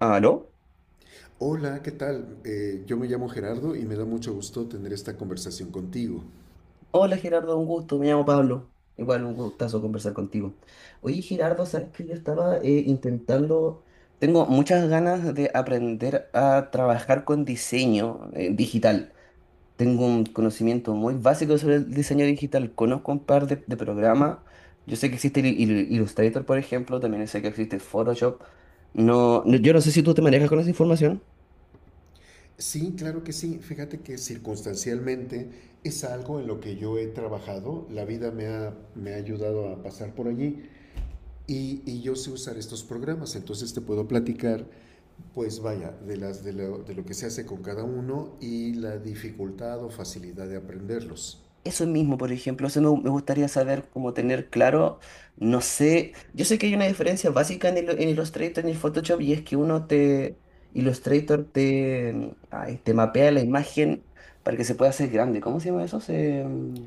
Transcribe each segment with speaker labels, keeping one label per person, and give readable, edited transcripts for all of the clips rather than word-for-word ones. Speaker 1: ¿Aló?
Speaker 2: Hola, ¿qué tal? Yo me llamo Gerardo y me da mucho gusto tener esta conversación contigo.
Speaker 1: Hola Gerardo, un gusto, me llamo Pablo. Igual un gustazo conversar contigo. Oye Gerardo, sabes que yo estaba intentando, tengo muchas ganas de aprender a trabajar con diseño digital. Tengo un conocimiento muy básico sobre el diseño digital, conozco un par de programas. Yo sé que existe Illustrator, por ejemplo, también sé que existe Photoshop. No, yo no sé si tú te manejas con esa información.
Speaker 2: Sí, claro que sí. Fíjate que circunstancialmente es algo en lo que yo he trabajado. La vida me ha ayudado a pasar por allí y yo sé usar estos programas. Entonces te puedo platicar, pues vaya, de lo que se hace con cada uno y la dificultad o facilidad de aprenderlos.
Speaker 1: Eso mismo, por ejemplo, eso me gustaría saber, como tener claro, no sé, yo sé que hay una diferencia básica en, en Illustrator y en el Photoshop, y es que uno te, Illustrator te, te mapea la imagen para que se pueda hacer grande. ¿Cómo se llama eso?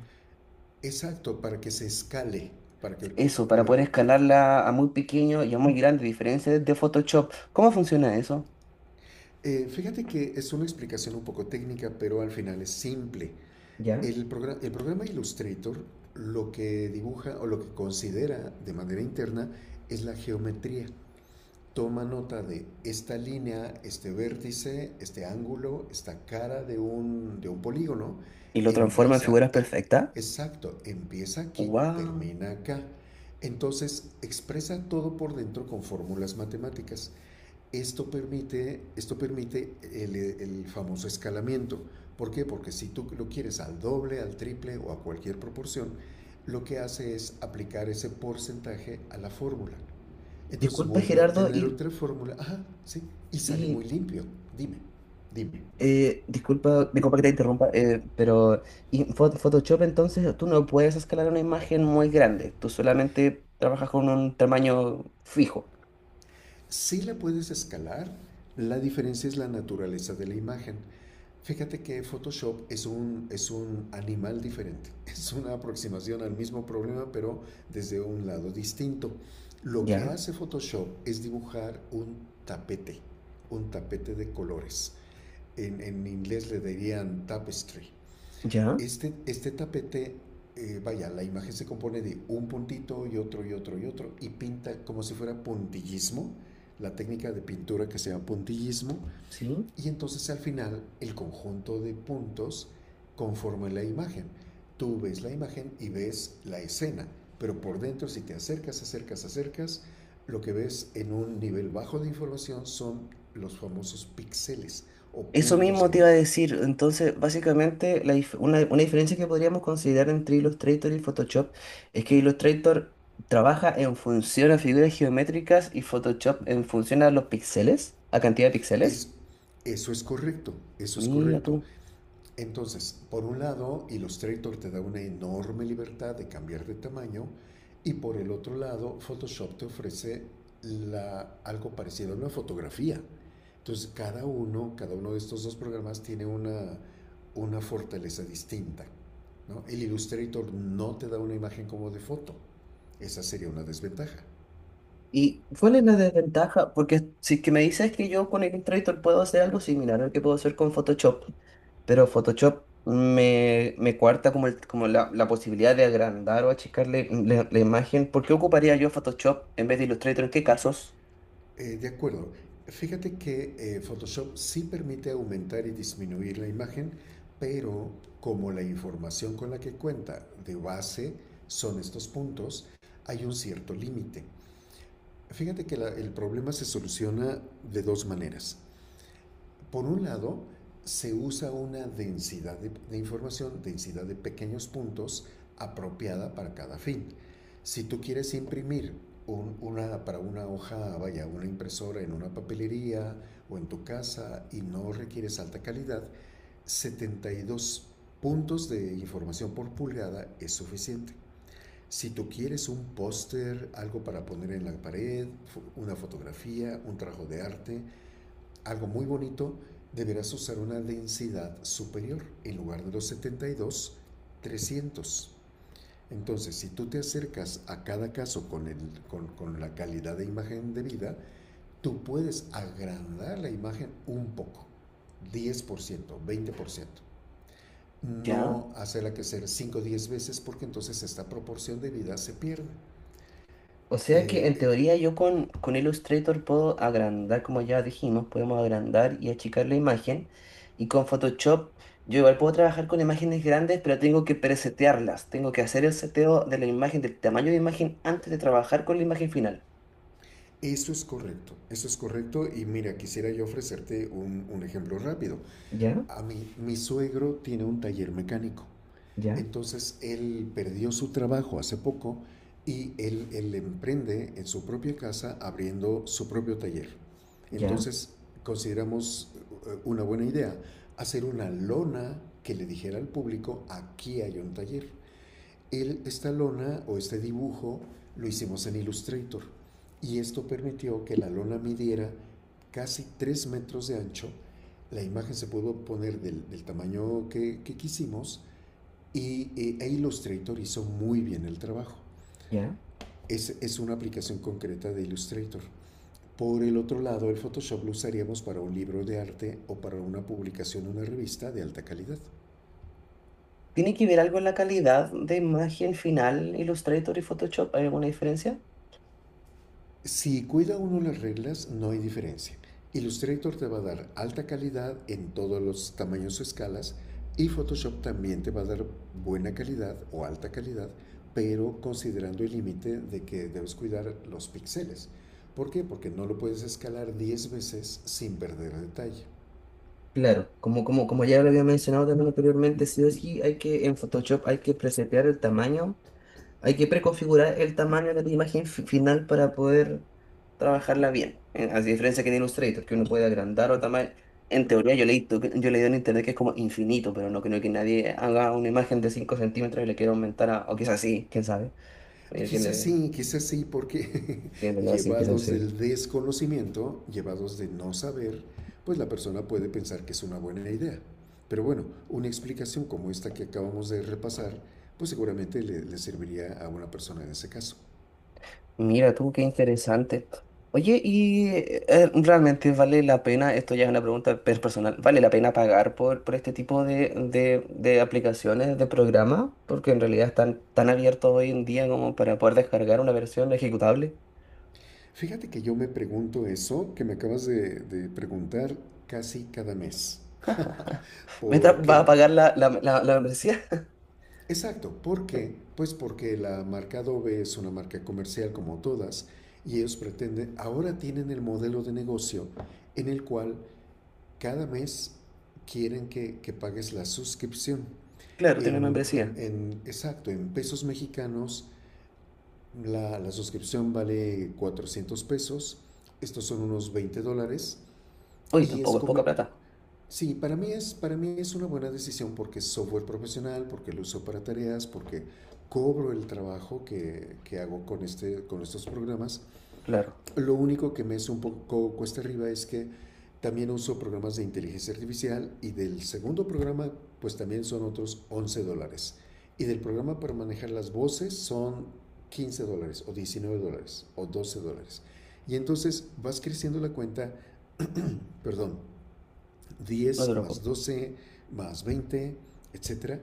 Speaker 2: Exacto, para que se escale. Para que te-
Speaker 1: Eso, para
Speaker 2: la-
Speaker 1: poder escalarla a muy pequeño y a muy grande, diferencia de Photoshop. ¿Cómo funciona eso?
Speaker 2: Fíjate que es una explicación un poco técnica, pero al final es simple.
Speaker 1: ¿Ya?
Speaker 2: El programa Illustrator lo que dibuja o lo que considera de manera interna es la geometría. Toma nota de esta línea, este vértice, este ángulo, esta cara de un polígono.
Speaker 1: ¿Y lo transforma en
Speaker 2: Empieza,
Speaker 1: figuras
Speaker 2: eh,
Speaker 1: perfectas?
Speaker 2: exacto, empieza aquí,
Speaker 1: ¡Wow!
Speaker 2: termina acá. Entonces expresa todo por dentro con fórmulas matemáticas. Esto permite el famoso escalamiento. ¿Por qué? Porque si tú lo quieres al doble, al triple o a cualquier proporción, lo que hace es aplicar ese porcentaje a la fórmula. Entonces
Speaker 1: Disculpa,
Speaker 2: vuelve a
Speaker 1: Gerardo,
Speaker 2: obtener
Speaker 1: y,
Speaker 2: otra fórmula, ajá, sí, y sale muy
Speaker 1: y
Speaker 2: limpio. Dime, dime.
Speaker 1: Disculpa, que te interrumpa, pero en Photoshop entonces tú no puedes escalar una imagen muy grande, tú solamente trabajas con un tamaño fijo.
Speaker 2: Si la puedes escalar, la diferencia es la naturaleza de la imagen. Fíjate que Photoshop es un animal diferente, es una aproximación al mismo problema, pero desde un lado distinto. Lo que
Speaker 1: ¿Ya?
Speaker 2: hace Photoshop es dibujar tapete, un tapete de colores. En inglés le dirían tapestry.
Speaker 1: ¿Ya?
Speaker 2: Este tapete, vaya, la imagen se compone de un puntito y otro y otro y otro, y pinta como si fuera puntillismo, la técnica de pintura que se llama puntillismo
Speaker 1: ¿Sí?
Speaker 2: y entonces al final el conjunto de puntos conforma la imagen. Tú ves la imagen y ves la escena, pero por dentro si te acercas, acercas, acercas, lo que ves en un nivel bajo de información son los famosos píxeles o
Speaker 1: Eso
Speaker 2: puntos de
Speaker 1: mismo te iba a
Speaker 2: imagen.
Speaker 1: decir, entonces básicamente una diferencia que podríamos considerar entre Illustrator y Photoshop es que Illustrator trabaja en función a figuras geométricas y Photoshop en función a los píxeles, a cantidad de
Speaker 2: Es,
Speaker 1: píxeles.
Speaker 2: Eso es correcto, eso es
Speaker 1: Mira
Speaker 2: correcto.
Speaker 1: tú.
Speaker 2: Entonces, por un lado, Illustrator te da una enorme libertad de cambiar de tamaño y por el otro lado, Photoshop te ofrece algo parecido a una fotografía. Entonces, cada uno de estos dos programas tiene una fortaleza distinta. ¿No? El Illustrator no te da una imagen como de foto. Esa sería una desventaja.
Speaker 1: ¿Y cuál es la desventaja? Porque si es que me dices que yo con Illustrator puedo hacer algo similar al que puedo hacer con Photoshop, pero Photoshop me cuarta como, como la posibilidad de agrandar o achicarle la imagen. ¿Por qué ocuparía yo Photoshop en vez de Illustrator? ¿En qué casos?
Speaker 2: De acuerdo. Fíjate que Photoshop sí permite aumentar y disminuir la imagen, pero como la información con la que cuenta de base son estos puntos, hay un cierto límite. Fíjate que el problema se soluciona de dos maneras. Por un lado, se usa una densidad de información, densidad de pequeños puntos apropiada para cada fin. Si tú quieres imprimir para una hoja, vaya, una impresora en una papelería o en tu casa y no requieres alta calidad, 72 puntos de información por pulgada es suficiente. Si tú quieres un póster, algo para poner en la pared, una fotografía, un trabajo de arte, algo muy bonito, deberás usar una densidad superior en lugar de los 72, 300. Entonces, si tú te acercas a cada caso con la calidad de imagen de vida, tú puedes agrandar la imagen un poco, 10%, 20%.
Speaker 1: ¿Ya?
Speaker 2: No hacerla crecer 5 o 10 veces porque entonces esta proporción de vida se pierde.
Speaker 1: O sea que en
Speaker 2: Eh,
Speaker 1: teoría yo con Illustrator puedo agrandar, como ya dijimos, podemos agrandar y achicar la imagen. Y con Photoshop yo igual puedo trabajar con imágenes grandes, pero tengo que presetearlas. Tengo que hacer el seteo de la imagen, del tamaño de imagen, antes de trabajar con la imagen final.
Speaker 2: Eso es correcto, eso es correcto y mira, quisiera yo ofrecerte un ejemplo rápido.
Speaker 1: Ya,
Speaker 2: A mí, mi suegro tiene un taller mecánico.
Speaker 1: ya,
Speaker 2: Entonces él perdió su trabajo hace poco y él emprende en su propia casa abriendo su propio taller.
Speaker 1: ya,
Speaker 2: Entonces consideramos una buena idea hacer una lona que le dijera al público, aquí hay un taller. El esta lona o este dibujo lo hicimos en Illustrator y esto permitió que la lona midiera casi 3 metros de ancho. La imagen se pudo poner del tamaño quisimos y e Illustrator hizo muy bien el trabajo.
Speaker 1: ya.
Speaker 2: Es una aplicación concreta de Illustrator. Por el otro lado, el Photoshop lo usaríamos para un libro de arte o para una publicación, en una revista de alta calidad.
Speaker 1: ¿Tiene que ver algo en la calidad de imagen final Illustrator y Photoshop? ¿Hay alguna diferencia?
Speaker 2: Si cuida uno las reglas, no hay diferencia. Illustrator te va a dar alta calidad en todos los tamaños o escalas y Photoshop también te va a dar buena calidad o alta calidad, pero considerando el límite de que debes cuidar los píxeles. ¿Por qué? Porque no lo puedes escalar 10 veces sin perder detalle.
Speaker 1: Claro, como ya lo había mencionado también anteriormente, sí o sí hay que, en Photoshop hay que presetear el tamaño. Hay que preconfigurar el tamaño de la imagen final para poder trabajarla bien. A diferencia que en Illustrator, que uno puede agrandar o tamaño. En teoría, yo leí, en internet que es como infinito, pero no creo que nadie haga una imagen de 5 centímetros y le quiera aumentar a. O quizás sí, quién sabe. Hay que le
Speaker 2: Quizás sí, porque
Speaker 1: tiene que así, quizás
Speaker 2: llevados
Speaker 1: sí.
Speaker 2: del desconocimiento, llevados de no saber, pues la persona puede pensar que es una buena idea. Pero bueno, una explicación como esta que acabamos de repasar, pues seguramente le serviría a una persona en ese caso.
Speaker 1: Mira tú, qué interesante. Oye, y realmente vale la pena, esto ya es una pregunta personal, ¿vale la pena pagar por este tipo de aplicaciones, de programas? Porque en realidad están tan abiertos hoy en día como para poder descargar una versión ejecutable.
Speaker 2: Fíjate que yo me pregunto eso que me acabas de preguntar casi cada mes.
Speaker 1: ¿Meta
Speaker 2: ¿Por
Speaker 1: va a
Speaker 2: qué?
Speaker 1: pagar la membresía?
Speaker 2: Exacto, ¿por qué? Pues porque la marca Adobe es una marca comercial como todas y ellos pretenden, ahora tienen el modelo de negocio en el cual cada mes quieren que pagues la suscripción.
Speaker 1: Claro, tiene una membresía.
Speaker 2: Exacto, en pesos mexicanos la suscripción vale 400 pesos, estos son unos 20 dólares.
Speaker 1: Oye,
Speaker 2: y es
Speaker 1: tampoco es poca
Speaker 2: come-
Speaker 1: plata.
Speaker 2: Sí, para mí es una buena decisión porque es software profesional, porque lo uso para tareas, porque cobro el trabajo que hago con estos programas.
Speaker 1: Claro,
Speaker 2: Lo único que me es un poco cuesta arriba es que también uso programas de inteligencia artificial y del segundo programa pues también son otros 11 dólares. Y del programa para manejar las voces son 15 dólares o 19 dólares o 12 dólares. Y entonces vas creciendo la cuenta, perdón,
Speaker 1: no te
Speaker 2: 10 más
Speaker 1: preocupes.
Speaker 2: 12 más 20, etcétera.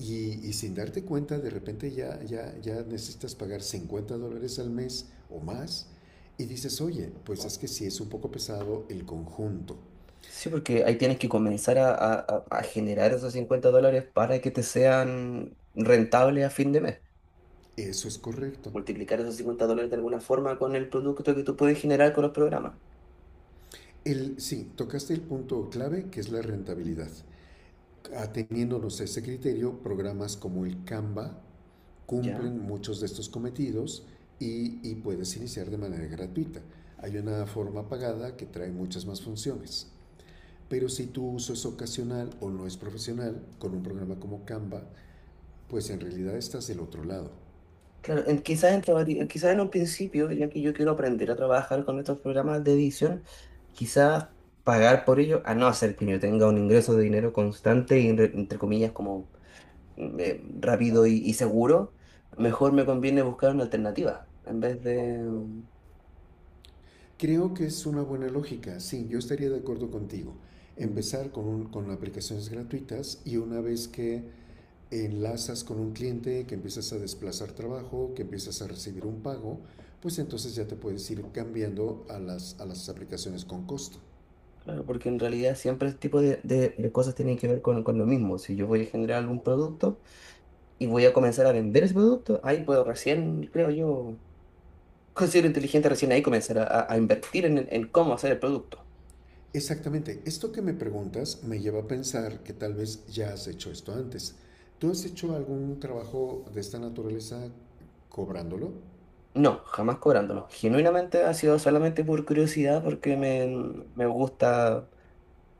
Speaker 2: Sin darte cuenta, de repente ya, ya, ya necesitas pagar 50 dólares al mes o más. Y dices, oye, pues es que sí es un poco pesado el conjunto.
Speaker 1: Sí, porque ahí tienes que comenzar a, a generar esos 50 dólares para que te sean rentables a fin de mes.
Speaker 2: Eso es correcto.
Speaker 1: Multiplicar esos 50 dólares de alguna forma con el producto que tú puedes generar con los programas.
Speaker 2: Sí, tocaste el punto clave que es la rentabilidad. Ateniéndonos a este criterio, programas como el Canva
Speaker 1: ¿Ya?
Speaker 2: cumplen muchos de estos cometidos y puedes iniciar de manera gratuita. Hay una forma pagada que trae muchas más funciones. Pero si tu uso es ocasional o no es profesional, con un programa como Canva, pues en realidad estás del otro lado.
Speaker 1: Claro, quizás en un principio, ya que yo quiero aprender a trabajar con estos programas de edición, quizás pagar por ello, a no ser que yo tenga un ingreso de dinero constante y, entre comillas, como rápido y seguro, mejor me conviene buscar una alternativa en vez de...
Speaker 2: Creo que es una buena lógica, sí, yo estaría de acuerdo contigo
Speaker 1: Mm,
Speaker 2: empezar aplicaciones gratuitas y una vez que enlazas con un cliente, que empiezas a desplazar trabajo, que empiezas a recibir un pago, pues entonces ya te puedes ir cambiando a las aplicaciones con costo.
Speaker 1: claro, porque en realidad siempre este tipo de cosas tienen que ver con lo mismo. Si yo voy a generar algún producto, y voy a comenzar a vender ese producto, ahí puedo recién, creo yo, considero inteligente recién ahí comenzar a, a invertir en cómo hacer el producto.
Speaker 2: Exactamente, esto que me preguntas me lleva a pensar que tal vez ya has hecho esto antes. ¿Tú has hecho algún trabajo de esta naturaleza cobrándolo?
Speaker 1: No, jamás cobrándolo. Genuinamente ha sido solamente por curiosidad, porque me gusta,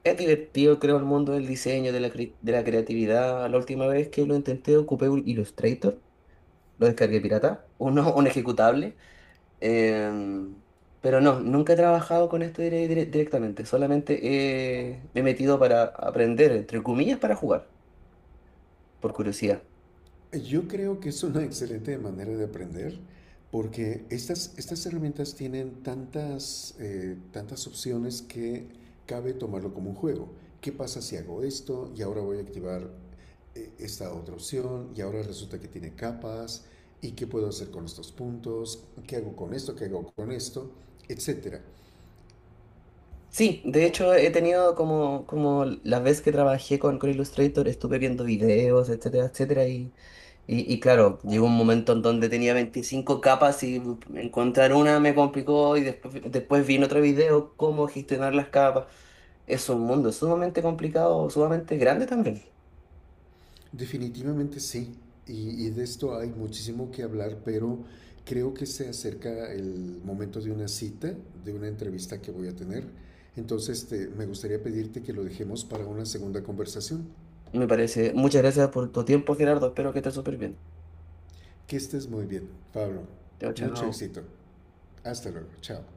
Speaker 1: es divertido, creo, el mundo del diseño, de la, de la creatividad. La última vez que lo intenté ocupé un Illustrator, lo descargué pirata, uno, un ejecutable. Em, pero no, nunca he trabajado con esto directamente, solamente me he metido para aprender, entre comillas, para jugar, por curiosidad.
Speaker 2: Yo creo que es una excelente manera de aprender porque estas herramientas tienen tantas opciones que cabe tomarlo como un juego. ¿Qué pasa si hago esto y ahora voy a activar esta otra opción y ahora resulta que tiene capas? ¿Y qué puedo hacer con estos puntos? ¿Qué hago con esto? ¿Qué hago con esto? Etcétera.
Speaker 1: Sí, de hecho he tenido como, como la vez que trabajé con Illustrator, estuve viendo videos, etcétera, etcétera, y claro, llegó un momento en donde tenía 25 capas y encontrar una me complicó y después, después vi en otro video cómo gestionar las capas. Es un mundo sumamente complicado, sumamente grande también.
Speaker 2: Definitivamente sí, y de esto hay muchísimo que hablar, pero creo que se acerca el momento de una cita, de una entrevista que voy a tener. Entonces me gustaría pedirte que lo dejemos para una segunda conversación.
Speaker 1: Me parece. Muchas gracias por tu tiempo, Gerardo. Espero que estés súper bien.
Speaker 2: Que estés muy bien, Pablo.
Speaker 1: Chao,
Speaker 2: Mucho
Speaker 1: chao.
Speaker 2: éxito. Hasta luego. Chao.